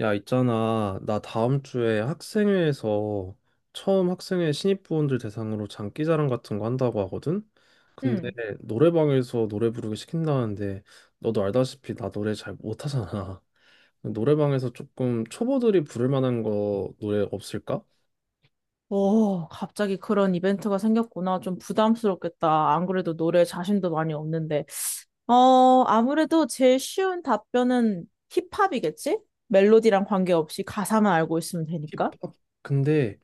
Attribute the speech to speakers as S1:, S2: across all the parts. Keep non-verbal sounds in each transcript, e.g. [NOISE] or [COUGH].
S1: 야, 있잖아. 나 다음 주에 학생회에서 처음 학생회 신입부원들 대상으로 장기자랑 같은 거 한다고 하거든? 근데
S2: 응.
S1: 노래방에서 노래 부르기 시킨다는데 너도 알다시피 나 노래 잘 못하잖아. [LAUGHS] 노래방에서 조금 초보들이 부를 만한 거 노래 없을까?
S2: 오, 갑자기 그런 이벤트가 생겼구나. 좀 부담스럽겠다. 안 그래도 노래 자신도 많이 없는데. 아무래도 제일 쉬운 답변은 힙합이겠지? 멜로디랑 관계없이 가사만 알고 있으면 되니까.
S1: 힙합? 근데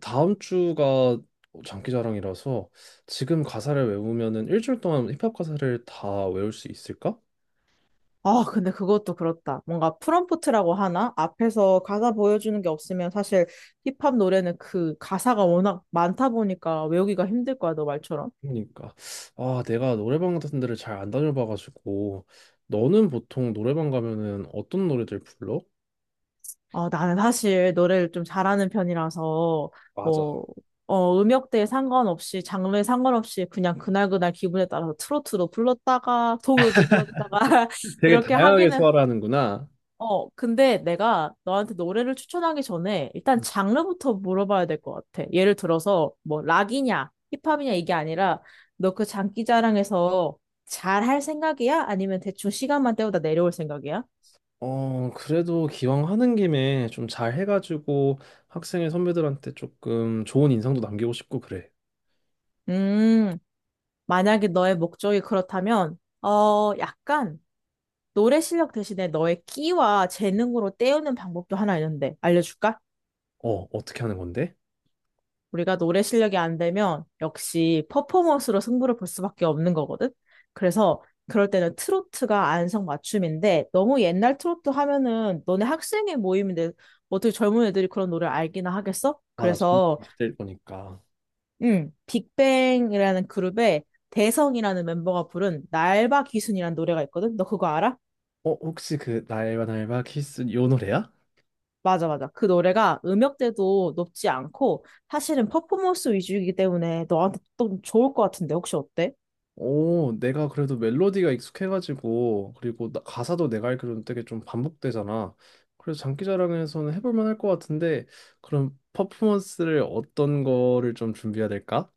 S1: 다음 주가 장기자랑이라서 지금 가사를 외우면은 일주일 동안 힙합 가사를 다 외울 수 있을까?
S2: 아, 근데 그것도 그렇다. 뭔가 프롬프트라고 하나? 앞에서 가사 보여주는 게 없으면 사실 힙합 노래는 그 가사가 워낙 많다 보니까 외우기가 힘들 거야, 너 말처럼.
S1: 그러니까 아, 내가 노래방 같은 데를 잘 안 다녀봐가지고 너는 보통 노래방 가면은 어떤 노래들 불러?
S2: 나는 사실 노래를 좀 잘하는 편이라서,
S1: 맞아.
S2: 뭐, 음역대에 상관없이, 장르에 상관없이 그냥 그날그날 기분에 따라서 트로트도 불렀다가, 동요도 불렀다가, [LAUGHS]
S1: 되게
S2: 이렇게
S1: 다양하게
S2: 하기는,
S1: 소화하는구나.
S2: 근데 내가 너한테 노래를 추천하기 전에 일단 장르부터 물어봐야 될 것 같아. 예를 들어서, 뭐, 락이냐, 힙합이냐 이게 아니라, 너 그 장기자랑에서 잘할 생각이야? 아니면 대충 시간만 때우다 내려올 생각이야?
S1: 어, 그래도 기왕 하는 김에 좀 잘 해가지고 학생회 선배들한테 조금 좋은 인상도 남기고 싶고 그래.
S2: 음. 만약에 너의 목적이 그렇다면, 약간 노래 실력 대신에 너의 끼와 재능으로 때우는 방법도 하나 있는데, 알려줄까?
S1: 어, 어떻게 하는 건데?
S2: 우리가 노래 실력이 안 되면 역시 퍼포먼스로 승부를 볼 수밖에 없는 거거든? 그래서 그럴 때는 트로트가 안성맞춤인데, 너무 옛날 트로트 하면은 너네 학생회 모임인데 어떻게 젊은 애들이 그런 노래를 알기나 하겠어?
S1: 맞아.
S2: 그래서,
S1: 20대일 거니까.
S2: 빅뱅이라는 그룹에 대성이라는 멤버가 부른 날바 기순이라는 노래가 있거든? 너 그거 알아?
S1: 어, 혹시 그 날바 날바 키스 요 노래야?
S2: 맞아, 맞아. 그 노래가 음역대도 높지 않고 사실은 퍼포먼스 위주이기 때문에 너한테 또 좋을 것 같은데 혹시 어때?
S1: 오, 내가 그래도 멜로디가 익숙해가지고, 그리고 가사도 내가 알기로는 되게 좀 반복되잖아. 그래서 장기자랑에서는 해볼만 할 것 같은데, 그럼 퍼포먼스를 어떤 거를 좀 준비해야 될까?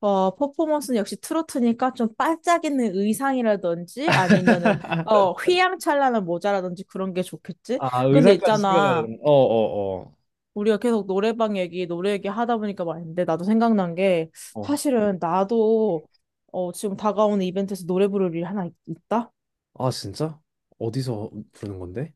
S2: 퍼포먼스는 역시 트로트니까 좀 반짝이는 의상이라든지 아니면은 휘황찬란한 모자라든지 그런 게 좋겠지?
S1: 아,
S2: 근데
S1: 의상까지 생각해야
S2: 있잖아.
S1: 되는 거. 어, 어,
S2: 우리가 계속 노래방 얘기, 노래 얘기 하다 보니까 말인데 나도 생각난 게
S1: 어. 어.
S2: 사실은 나도 지금 다가오는 이벤트에서 노래 부를 일이 하나 있다?
S1: 아, 진짜? 어디서 부르는 건데?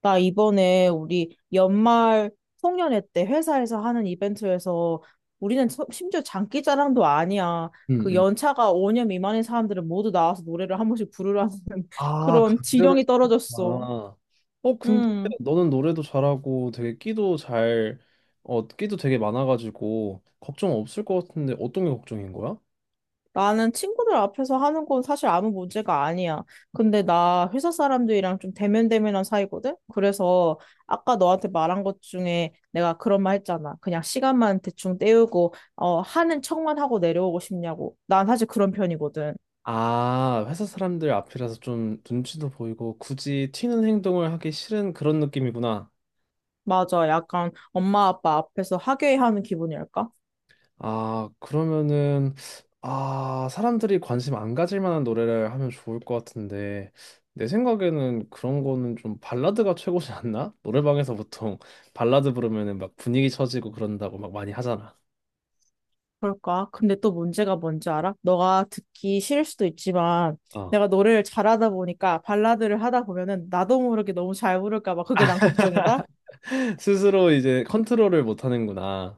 S2: 나 이번에 우리 연말 송년회 때 회사에서 하는 이벤트에서 우리는 심지어 장기자랑도 아니야.
S1: 응,
S2: 그
S1: 응.
S2: 연차가 5년 미만인 사람들은 모두 나와서 노래를 한 번씩 부르라는 [LAUGHS]
S1: 아,
S2: 그런
S1: 강제로
S2: 지령이 떨어졌어.
S1: 시켰구나. 어, 근데
S2: 응.
S1: 너는 노래도 잘하고 되게 끼도 잘, 끼도 되게 많아가지고, 걱정 없을 것 같은데 어떤 게 걱정인 거야?
S2: 나는 친구들 앞에서 하는 건 사실 아무 문제가 아니야. 근데 나 회사 사람들이랑 좀 대면대면한 사이거든? 그래서 아까 너한테 말한 것 중에 내가 그런 말 했잖아. 그냥 시간만 대충 때우고, 하는 척만 하고 내려오고 싶냐고. 난 사실 그런 편이거든.
S1: 아, 회사 사람들 앞이라서 좀 눈치도 보이고 굳이 튀는 행동을 하기 싫은 그런 느낌이구나.
S2: 맞아. 약간 엄마 아빠 앞에서 하괴해하는 기분이랄까?
S1: 아, 그러면은 아, 사람들이 관심 안 가질 만한 노래를 하면 좋을 것 같은데 내 생각에는 그런 거는 좀 발라드가 최고지 않나? 노래방에서 보통 발라드 부르면은 막 분위기 처지고 그런다고 막 많이 하잖아.
S2: 그럴까? 근데 또 문제가 뭔지 알아? 너가 듣기 싫을 수도 있지만,
S1: 어.
S2: 내가 노래를 잘하다 보니까 발라드를 하다 보면은 나도 모르게 너무 잘 부를까 봐 그게 난 걱정이다.
S1: [LAUGHS] 스스로 이제 컨트롤을 못 하는구나.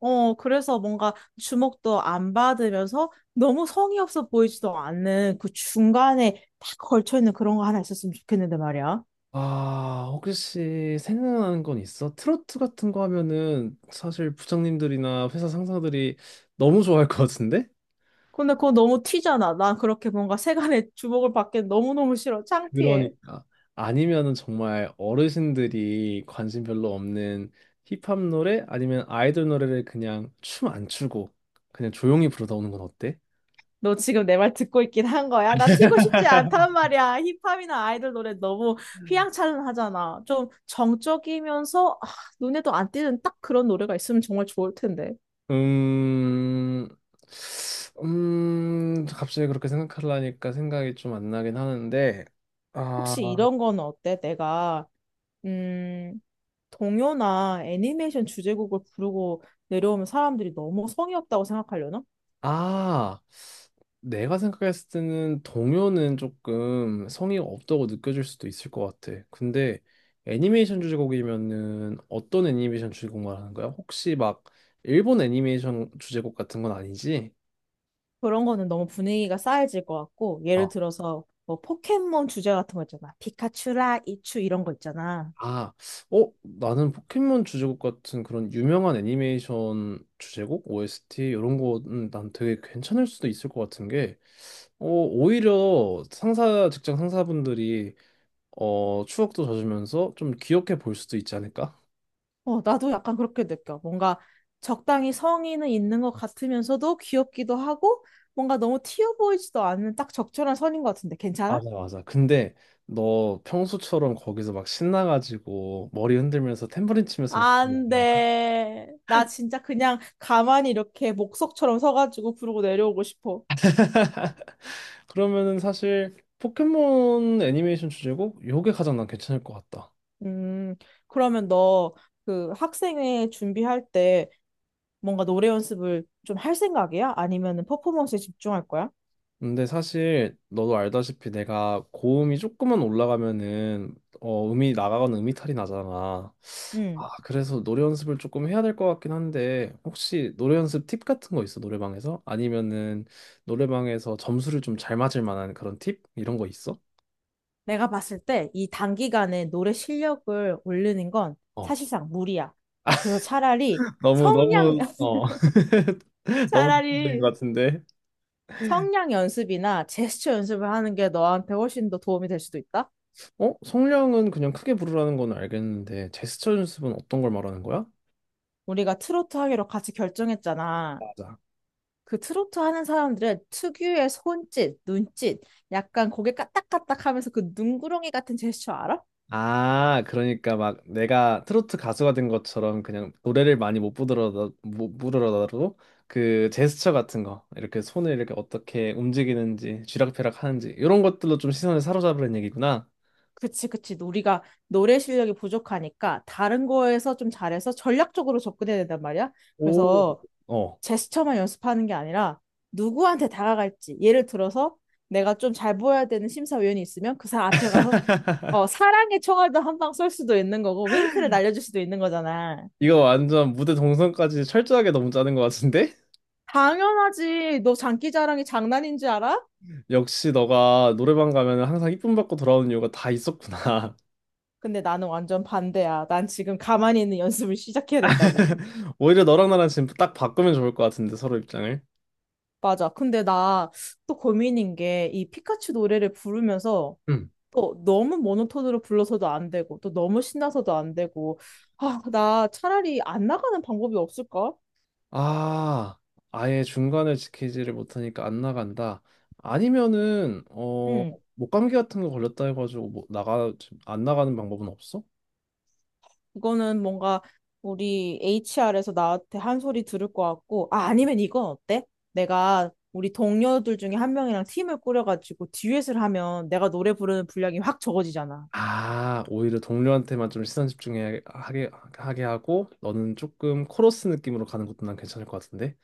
S2: 그래서 뭔가 주목도 안 받으면서 너무 성의 없어 보이지도 않는 그 중간에 딱 걸쳐있는 그런 거 하나 있었으면 좋겠는데 말이야.
S1: 아, 혹시 생각나는 건 있어? 트로트 같은 거 하면은 사실 부장님들이나 회사 상사들이 너무 좋아할 것 같은데?
S2: 근데 그거 너무 튀잖아. 난 그렇게 뭔가 세간의 주목을 받기 너무너무 싫어. 창피해.
S1: 그러니까. 아니면은 정말 어르신들이 관심 별로 없는 힙합 노래 아니면 아이돌 노래를 그냥 춤 안 추고 그냥 조용히 부르다 오는 건 어때?
S2: 너 지금 내 말 듣고 있긴 한 거야? 나 튀고 싶지 않단 말이야. 힙합이나 아이돌 노래 너무 휘황찬란하잖아. 좀 정적이면서 아, 눈에도 안 띄는 딱 그런 노래가 있으면 정말 좋을 텐데.
S1: 음, 갑자기 그렇게 생각하려니까 생각이 좀 안 나긴 하는데, 아,
S2: 혹시 이런 거는 어때? 내가 음, 동요나 애니메이션 주제곡을 부르고 내려오면 사람들이 너무 성의 없다고 생각하려나?
S1: 아, 내가 생각했을 때는 동요는 조금 성의가 없다고 느껴질 수도 있을 것 같아. 근데 애니메이션 주제곡이면은 어떤 애니메이션 주제곡 말하는 거야? 혹시 막 일본 애니메이션 주제곡 같은 건 아니지?
S2: 그런 거는 너무 분위기가 싸해질 것 같고, 예를
S1: 어,
S2: 들어서 뭐 포켓몬 주제 같은 거 있잖아. 피카츄라 이츄 이런 거 있잖아.
S1: 아, 어, 나는 포켓몬 주제곡 같은 그런 유명한 애니메이션 주제곡, OST 이런 거는 난 되게 괜찮을 수도 있을 것 같은 게, 오히려 상사 직장 상사분들이 추억도 젖으면서 좀 귀엽게 볼 수도 있지 않을까?
S2: 나도 약간 그렇게 느껴. 뭔가 적당히 성의는 있는 것 같으면서도 귀엽기도 하고, 뭔가 너무 튀어 보이지도 않는 딱 적절한 선인 것 같은데, 괜찮아?
S1: 맞아, 맞아. 근데 너 평소처럼 거기서 막 신나가지고 머리 흔들면서 탬버린 치면서 막 그러면
S2: 안
S1: 안 돼.
S2: 돼. 나 진짜 그냥 가만히 이렇게 목석처럼 서가지고 부르고 내려오고 싶어.
S1: 그러면은 사실 포켓몬 애니메이션 주제곡 요게 가장 난 괜찮을 것 같다.
S2: 음, 그러면 너 그 학생회 준비할 때 뭔가 노래 연습을 좀 할 생각이야? 아니면은 퍼포먼스에 집중할 거야?
S1: 근데 사실 너도 알다시피 내가 고음이 조금만 올라가면은 음이 나가거나 음이탈이 나잖아.
S2: 음,
S1: 아, 그래서 노래 연습을 조금 해야 될 것 같긴 한데 혹시 노래 연습 팁 같은 거 있어 노래방에서? 아니면은 노래방에서 점수를 좀 잘 맞을 만한 그런 팁 이런 거 있어?
S2: 내가 봤을 때 이 단기간에 노래 실력을 올리는 건
S1: 어
S2: 사실상 무리야. 그래서 차라리
S1: 너무
S2: 성량,
S1: 너무
S2: [LAUGHS]
S1: [LAUGHS] 너무 적인
S2: 차라리
S1: 것 같은데.
S2: 성량 연습이나 제스처 연습을 하는 게 너한테 훨씬 더 도움이 될 수도 있다?
S1: 어, 성량은 그냥 크게 부르라는 건 알겠는데 제스처 연습은 어떤 걸 말하는 거야?
S2: 우리가 트로트 하기로 같이 결정했잖아.
S1: 맞아.
S2: 그 트로트 하는 사람들은 특유의 손짓, 눈짓, 약간 고개 까딱까딱 하면서 그 눈구렁이 같은 제스처 알아?
S1: 아, 그러니까 막 내가 트로트 가수가 된 것처럼 그냥 노래를 많이 못 부르더라도, 못 부르더라도 그 제스처 같은 거, 이렇게 손을 이렇게 어떻게 움직이는지, 쥐락펴락 하는지, 이런 것들로 좀 시선을 사로잡으려는 얘기구나.
S2: 그치, 그치. 우리가 노래 실력이 부족하니까 다른 거에서 좀 잘해서 전략적으로 접근해야 된단 말이야.
S1: 오.
S2: 그래서
S1: 어.
S2: 제스처만 연습하는 게 아니라 누구한테 다가갈지. 예를 들어서 내가 좀 잘 보여야 되는 심사위원이 있으면 그 사람 앞에 가서 사랑의 총알도 한 방 쏠 수도 있는 거고 윙크를 날려줄 수도 있는 거잖아.
S1: 이거 완전 무대 동선까지 철저하게 너무 짜는 것 같은데?
S2: 당연하지. 너 장기자랑이 장난인 줄 알아?
S1: [LAUGHS] 역시 너가 노래방 가면 항상 이쁨 받고 돌아오는 이유가 다 있었구나.
S2: 근데 나는 완전 반대야. 난 지금 가만히 있는 연습을 시작해야 된다고.
S1: [LAUGHS] 오히려 너랑 나랑 지금 딱 바꾸면 좋을 것 같은데, 서로 입장을.
S2: 맞아. 근데 나 또 고민인 게 이 피카츄 노래를 부르면서 또 너무 모노톤으로 불러서도 안 되고 또 너무 신나서도 안 되고 아, 나 차라리 안 나가는 방법이 없을까?
S1: 아, 아예 중간을 지키지를 못하니까 안 나간다. 아니면은
S2: 응.
S1: 목감기 같은 거 걸렸다 해가지고 뭐 나가 안 나가는 방법은 없어?
S2: 이거는 뭔가 우리 HR에서 나한테 한 소리 들을 것 같고 아, 아니면 이건 어때? 내가 우리 동료들 중에 한 명이랑 팀을 꾸려가지고 듀엣을 하면 내가 노래 부르는 분량이 확 적어지잖아.
S1: 아, 오히려 동료한테만 좀 시선 집중하게 하게 하고 너는 조금 코러스 느낌으로 가는 것도 난 괜찮을 것 같은데.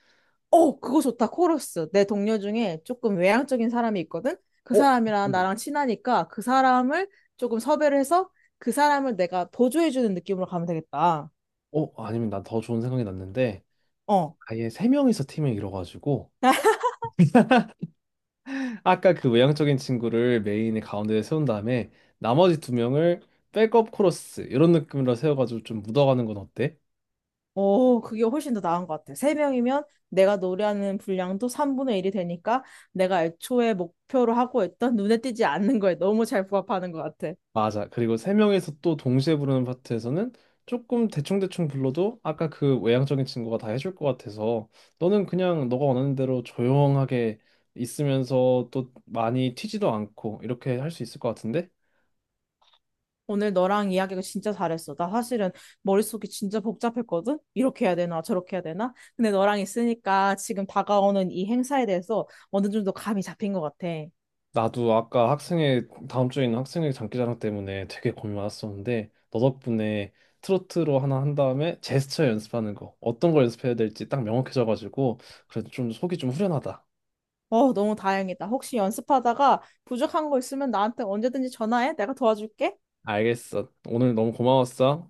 S2: 그거 좋다. 코러스. 내 동료 중에 조금 외향적인 사람이 있거든? 그
S1: 어?
S2: 사람이랑 나랑 친하니까 그 사람을 조금 섭외를 해서 그 사람을 내가 보조해주는 느낌으로 가면 되겠다.
S1: 어, 아니면 난 더 좋은 생각이 났는데
S2: 어.
S1: 아예 세 명이서 팀을 이뤄가지고
S2: [LAUGHS]
S1: 아까 그 외향적인 친구를 메인의 가운데에 세운 다음에 나머지 두 명을 백업 코러스 이런 느낌으로 세워가지고 좀 묻어가는 건 어때?
S2: 오, 그게 훨씬 더 나은 것 같아. 세명이면 내가 노래하는 분량도 3분의 1이 되니까 내가 애초에 목표로 하고 있던 눈에 띄지 않는 거에 너무 잘 부합하는 것 같아.
S1: 맞아. 그리고 세 명에서 또 동시에 부르는 파트에서는 조금 대충대충 불러도 아까 그 외향적인 친구가 다 해줄 것 같아서 너는 그냥 너가 원하는 대로 조용하게 있으면서 또 많이 튀지도 않고 이렇게 할 수 있을 것 같은데?
S2: 오늘 너랑 이야기가 진짜 잘했어. 나 사실은 머릿속이 진짜 복잡했거든? 이렇게 해야 되나, 저렇게 해야 되나? 근데 너랑 있으니까 지금 다가오는 이 행사에 대해서 어느 정도 감이 잡힌 것 같아.
S1: 나도 아까 학생회 다음 주에 있는 학생회 장기자랑 때문에 되게 고민 많았었는데 너 덕분에 트로트로 하나 한 다음에 제스처 연습하는 거 어떤 걸 연습해야 될지 딱 명확해져가지고 그래도 좀 속이 좀 후련하다.
S2: 너무 다행이다. 혹시 연습하다가 부족한 거 있으면 나한테 언제든지 전화해. 내가 도와줄게.
S1: 알겠어. 오늘 너무 고마웠어.